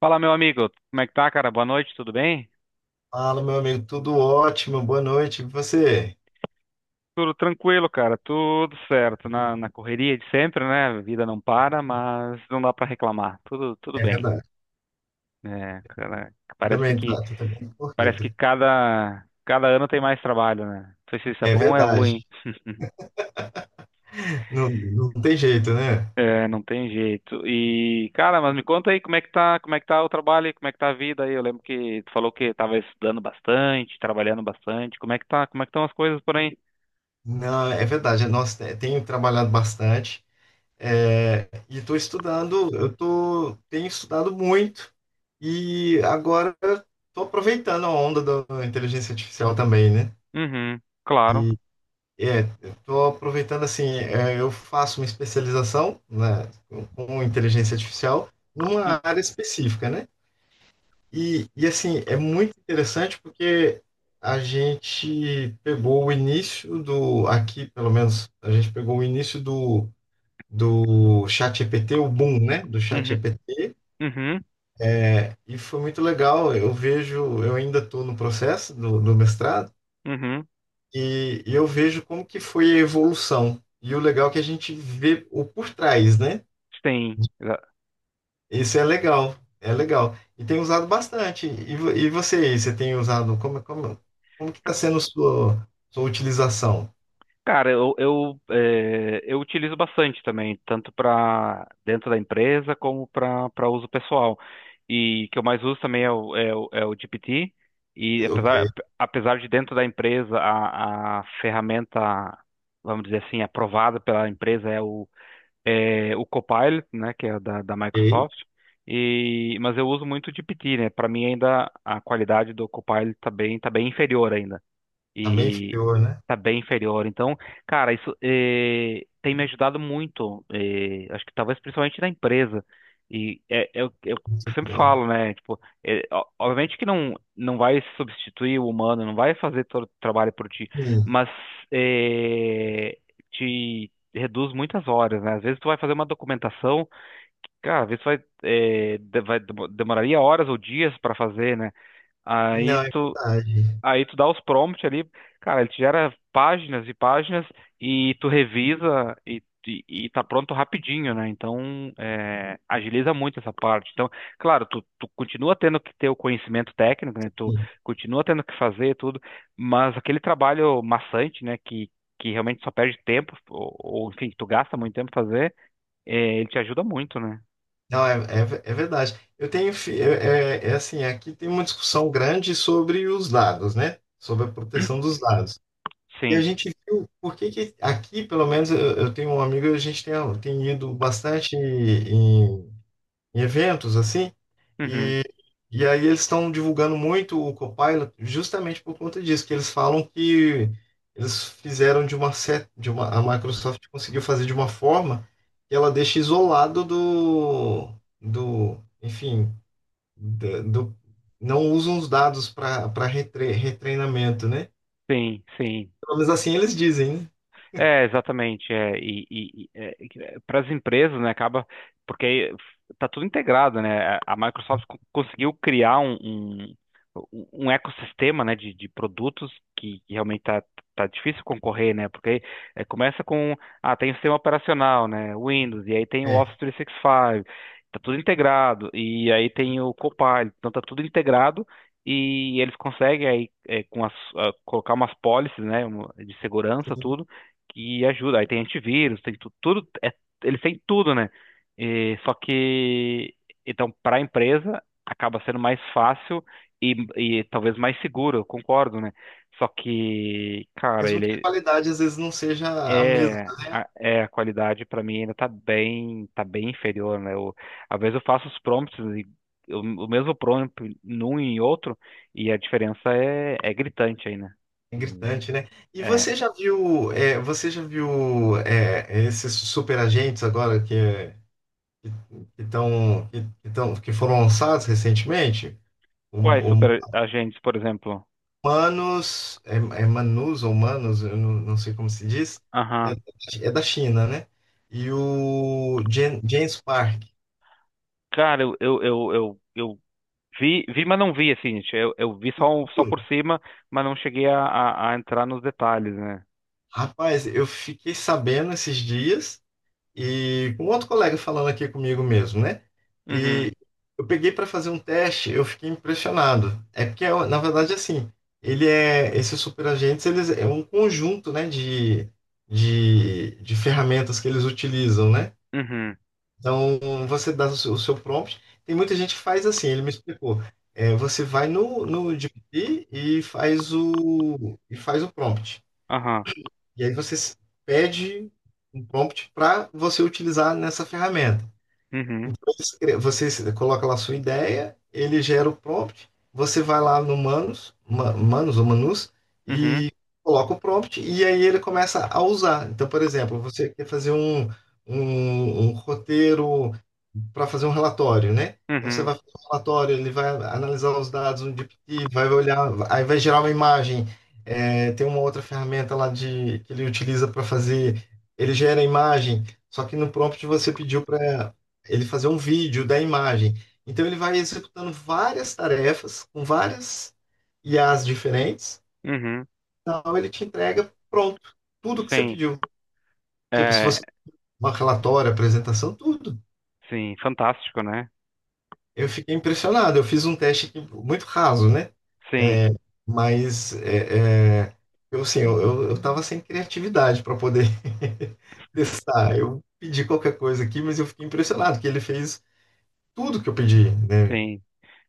Fala, meu amigo. Como é que tá, cara? Boa noite, tudo bem? Fala, meu amigo, tudo ótimo, boa noite. E você? Tudo tranquilo, cara. Tudo certo. Na correria de sempre, né? A vida não para, mas não dá pra reclamar. Tudo É bem. verdade. É, cara, Eu também tô também parece que corrido. Cada ano tem mais trabalho, né? Não sei se isso é É bom ou é ruim. verdade. Não tem jeito, né? É, não tem jeito. E, cara, mas me conta aí como é que tá, como é que tá o trabalho, e como é que tá a vida aí? Eu lembro que tu falou que tava estudando bastante, trabalhando bastante. Como é que tá, como é que estão as coisas por aí? Não, é verdade. Nossa, tenho trabalhado bastante, e estou estudando. Tenho estudado muito e agora estou aproveitando a onda da inteligência artificial também, né? Uhum, claro. Estou aproveitando eu faço uma especialização, né, com inteligência artificial numa área específica, né? E assim, é muito interessante porque a gente pegou aqui pelo menos, a gente pegou o início do ChatGPT, o boom, né, do Uhum. ChatGPT, Uhum, e foi muito legal. Eu vejo, eu ainda estou no processo do mestrado. uhum. E eu vejo como que foi a evolução. E o legal é que a gente vê o por trás, né? Sim. Isso é legal, é legal. E tem usado bastante. E, e você, você tem usado, como que está ca- sendo sua utilização? Cara, eu utilizo bastante também, tanto para dentro da empresa como para uso pessoal. E que eu mais uso também é é o GPT. E Ok, apesar de dentro da empresa a ferramenta, vamos dizer assim, aprovada pela empresa é é o Copilot, né, que é da ok. Microsoft. E, mas eu uso muito o GPT, né? Para mim ainda a qualidade do Copilot tá bem inferior ainda. Tá bem E inferior, né? tá bem inferior. Então, cara, isso tem me ajudado muito. Acho que talvez principalmente na empresa. E eu Muito sempre legal. falo, né? Tipo, obviamente que não vai substituir o humano, não vai fazer todo o trabalho por ti, Sim. mas eh, te reduz muitas horas, né? Às vezes tu vai fazer uma documentação, cara, às vezes vai, eh, de- vai demo- demoraria horas ou dias para fazer, né? Aí Não, é tu verdade. Aí tu dá os prompts ali, cara, ele te gera páginas e páginas e tu revisa e tá pronto rapidinho, né? Então, é, agiliza muito essa parte. Então, claro, tu continua tendo que ter o conhecimento técnico, né? Tu Sim. continua tendo que fazer tudo, mas aquele trabalho maçante, né? Que realmente só perde tempo, ou enfim, tu gasta muito tempo fazer, é, ele te ajuda muito, né? Não, é verdade. Eu tenho, fi- é, é é assim, aqui tem uma discussão grande sobre os dados, né? Sobre a proteção dos dados. E a Sim. gente viu por que que aqui, pelo menos eu tenho um amigo, a gente tem, tem ido bastante em eventos assim, Uhum. e, e aí eles estão divulgando muito o Copilot justamente por conta disso, que eles falam que eles fizeram de uma, a Microsoft conseguiu fazer de uma forma que ela deixa isolado enfim, da- do, não usam os dados para retreinamento, né? Sim, sim. Pelo menos assim eles dizem, É, exatamente. É, e para as empresas, né, acaba porque tá tudo integrado, né? A Microsoft conseguiu criar um ecossistema, né, de produtos que realmente tá, tá difícil concorrer, né? Porque é, começa com, tem o sistema operacional, né, Windows, e aí tem o Office né? 365, tá tudo integrado, e aí tem o Copilot, então tá tudo integrado. E eles conseguem aí é, com as, colocar umas policies, né, de segurança, É. tudo que ajuda. Aí tem antivírus, tem tudo, é, eles têm tudo, né? E, só que, então, para a empresa, acaba sendo mais fácil e, e talvez mais seguro, eu concordo, né? Só que, cara, Mesmo que a ele qualidade às vezes não seja a mesma, é, né? É a qualidade para mim ainda tá bem inferior, né? Eu, às vezes eu faço os prompts e o mesmo prompt num e em outro e a diferença é gritante aí, né? É Hum. gritante, né? E É. você já viu, você já viu, esses super agentes agora que que foram lançados recentemente? Quais super O agentes, por exemplo? Manus, é Manus ou Manus, eu não sei como se diz, é, Aham. é da China, né? E o James Park. Cara, eu vi, mas não vi, assim, gente. Eu vi só, só por cima, mas não cheguei a entrar nos detalhes, né? Rapaz, eu fiquei sabendo esses dias, e com outro colega falando aqui comigo mesmo, né? Uhum, E eu peguei para fazer um teste, eu fiquei impressionado. É porque, na verdade, assim, esses superagentes, eles é um conjunto, né, de ferramentas que eles utilizam, né? uhum, Então, você dá o seu prompt. Tem muita gente que faz assim, ele me explicou. É, você vai no GPT e faz e faz o prompt. aham, E aí pede um prompt para você utilizar nessa ferramenta. uhum, Então, você coloca lá a sua ideia, ele gera o prompt, você vai lá no Manus, Manus ou Manus, uhum, e coloca o prompt, e aí ele começa a usar. Então, por exemplo, você quer fazer um roteiro para fazer um relatório, né? Então, você uhum, vai fazer um relatório, ele vai analisar os dados no GPT, vai olhar, aí vai gerar uma imagem. É, tem uma outra ferramenta lá que ele utiliza para fazer, ele gera a imagem, só que no prompt você pediu para ele fazer um vídeo da imagem. Então ele vai executando várias tarefas com várias IAs diferentes, uhum, então ele te entrega pronto, tudo que você sim, pediu. Tipo, se é, você uma relatório, apresentação, tudo. sim, fantástico, né? Eu fiquei impressionado. Eu fiz um teste aqui muito raso, né? Sim, É, mas eu assim, eu tava sem criatividade para poder testar. Eu pedi qualquer coisa aqui, mas eu fiquei impressionado que ele fez tudo que eu pedi, né? sim,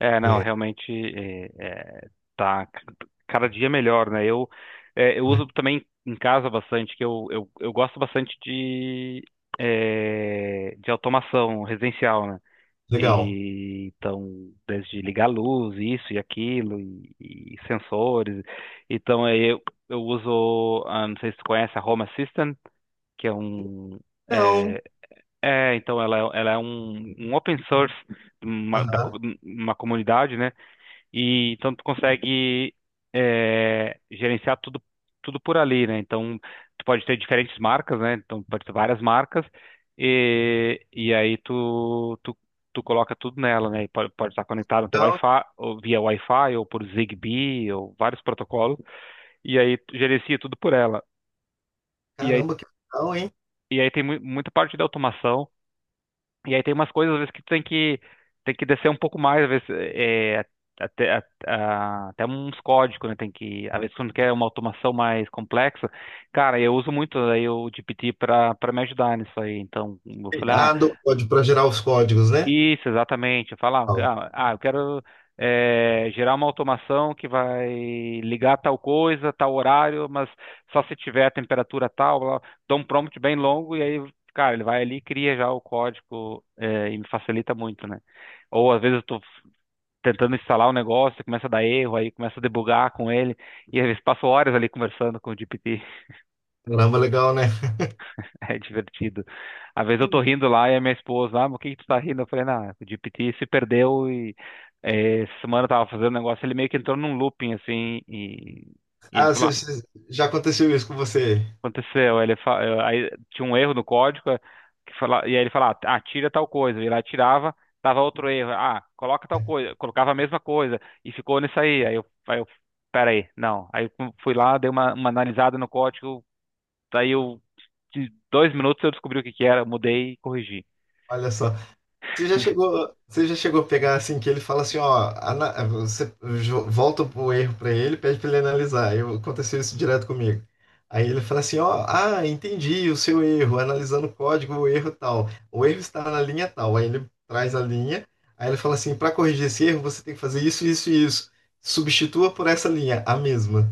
é, não, É, realmente, é, tá, cada dia melhor, né? Eu né? uso também em casa bastante, que eu gosto bastante de automação residencial, né? Legal. E então, desde ligar a luz, isso e aquilo, e sensores. Então, eu uso. Ah, não sei se tu conhece a Home Assistant, que é um. Não, É, então, ela é um, um open source, de uma, aham. Uma comunidade, né? E então tu consegue é, gerenciar tudo, por ali, né? Então tu pode ter diferentes marcas, né? Então pode ter várias marcas e aí tu coloca tudo nela, né? E pode estar conectado no teu Então, Wi-Fi, ou via Wi-Fi, ou por Zigbee, ou vários protocolos, e aí tu gerencia tudo por ela. E aí, caramba, que legal, hein? e aí tem mu muita parte da automação. E aí tem umas coisas, às vezes, que tu tem que descer um pouco mais, às vezes, é, até uns códigos, né? Tem que, às vezes, quando quer uma automação mais complexa, cara, eu uso muito aí o GPT para me ajudar nisso aí. Então, eu falei, ah, Ah, do código para gerar os códigos, né? isso, exatamente. Falar, Ó, ah, eu quero gerar uma automação que vai ligar tal coisa, tal horário, mas só se tiver a temperatura tal, blá, blá. Dou um prompt bem longo e aí, cara, ele vai ali e cria já o código, e me facilita muito, né? Ou às vezes eu tô tentando instalar um negócio, começa a dar erro, aí começa a debugar com ele, e às vezes passo horas ali conversando com o GPT. caramba, legal, né? É divertido. Às vezes eu tô rindo lá e a minha esposa, ah, mas o que que tu tá rindo? Eu falei, não, o GPT se perdeu. E Essa semana eu tava fazendo um negócio, ele meio que entrou num looping assim, e ele Ah, falou, ah, já aconteceu isso com você. aconteceu. Aí tinha um erro no código, que fala, e aí ele falava, ah, tira tal coisa, e lá tirava, tava outro erro, ah, coloca tal coisa, colocava a mesma coisa e ficou nisso aí. Pera aí, não. Aí eu fui lá, dei uma analisada no código. Daí eu, de dois minutos eu descobri o que que era, mudei e corrigi. Olha só. Você já chegou a pegar assim que ele fala assim, ó, você volta o erro para ele, pede para ele analisar. Eu aconteceu isso direto comigo. Aí ele fala assim, ó, ah, entendi o seu erro, analisando o código, o erro tal. O erro está na linha tal. Aí ele traz a linha, aí ele fala assim, para corrigir esse erro, você tem que fazer isso, isso e isso. Substitua por essa linha, a mesma.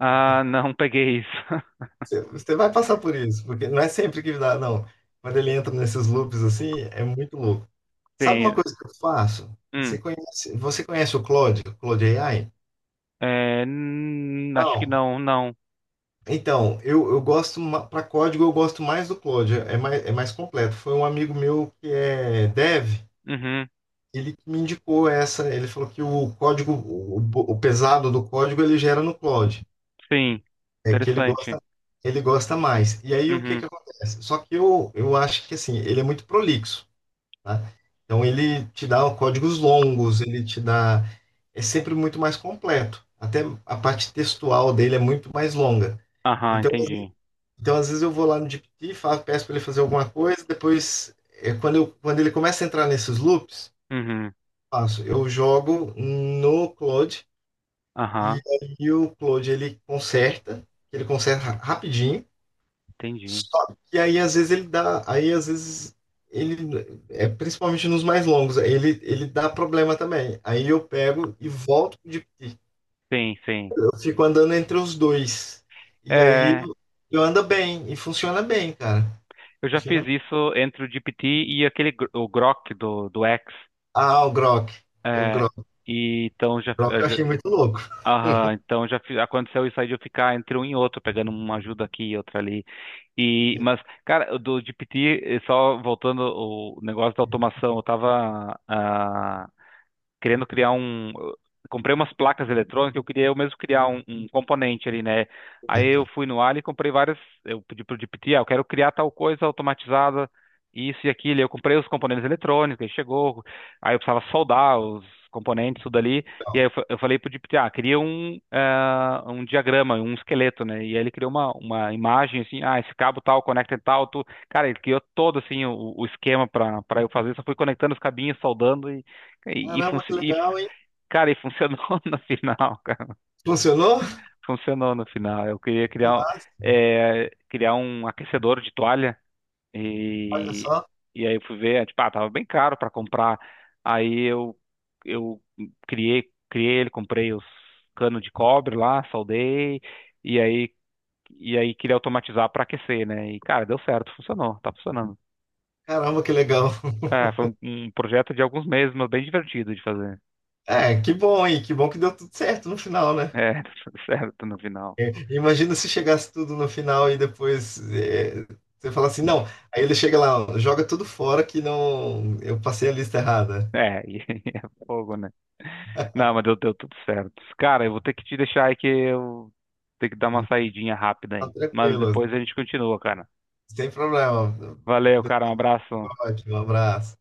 Ah, não peguei isso. Você vai passar por isso, porque não é sempre que dá, não. Quando ele entra nesses loops assim, é muito louco. Sabe uma Sim. coisa que eu faço? Hum. Você conhece o Claude AI? É, acho que Não. não, não. Então, eu gosto, para código, eu gosto mais do Claude, é mais completo. Foi um amigo meu que é dev, Uhum. ele que me indicou essa, ele falou que o pesado do código, ele gera no Claude, Sim. é que Interessante. Ele gosta mais. E aí, o que Uhum. que acontece? Só que eu acho que, assim, ele é muito prolixo, né? Então ele te dá códigos longos, ele te dá. É sempre muito mais completo. Até a parte textual dele é muito mais longa. Aham, Então, entendi. então às vezes eu vou lá no GPT, falo, peço para ele fazer alguma coisa, depois, quando ele começa a entrar nesses loops, Uhum. Eu jogo no Cloud, e Aham, aí o Cloud ele conserta rapidinho. entendi. Só que aí às vezes ele dá, aí às vezes ele é principalmente nos mais longos, ele dá problema também. Aí eu pego e volto de pique. Sim, sim. Eu fico andando entre os dois. E aí É, eu ando bem e funciona bem, cara. eu já fiz Funciona. isso entre o GPT e aquele o Grok do X. Ah, o Grok. Eu É, Grok, e então já. Grok eu achei muito louco. Aham, então já aconteceu isso aí de eu ficar entre um e outro, pegando uma ajuda aqui e outra ali. E, mas, cara, o do GPT, só voltando o negócio da automação, eu tava, ah, querendo criar um. Comprei umas placas eletrônicas, eu queria eu mesmo criar um, componente ali, né? Aí eu Certo, fui no Ali e comprei várias. Eu pedi pro GPT, ah, eu quero criar tal coisa automatizada, isso e aquilo. Eu comprei os componentes eletrônicos, ele chegou. Aí eu precisava soldar os componentes, tudo ali. E aí legal. Eu falei pro GPT, ah, cria um, ah, um diagrama, um esqueleto, né? E aí ele criou uma imagem assim, ah, esse cabo tal, conecta em tal, tu. Cara, ele criou todo assim o esquema para eu fazer, só fui conectando os cabinhos, soldando e, e, Caramba, func- que e f- legal, hein? cara, e funcionou no final, cara. Funcionou? Funcionou no final. Eu queria Que criar, massa. Criar um aquecedor de toalha Olha e, só. e aí eu fui ver, tipo, ah, tava bem caro para comprar. Aí eu criei, ele, comprei os canos de cobre lá, soldei e aí e aí queria automatizar para aquecer, né? E cara, deu certo, funcionou, tá funcionando. Caramba, que legal. É, foi um, projeto de alguns meses, mas bem divertido de fazer. É, que bom, hein? Que bom que deu tudo certo no final, né? É, deu certo no final. Imagina se chegasse tudo no final e depois você fala assim, não. Aí ele chega lá, joga tudo fora que não. Eu passei a lista errada. É, e é fogo, né? Não, mas deu tudo certo. Cara, eu vou ter que te deixar aí que eu tenho que dar uma saidinha rápida Tá aí. Mas tranquilo, depois a gente continua, cara. sem problema. Valeu, cara. Um abraço. Ótimo, um abraço.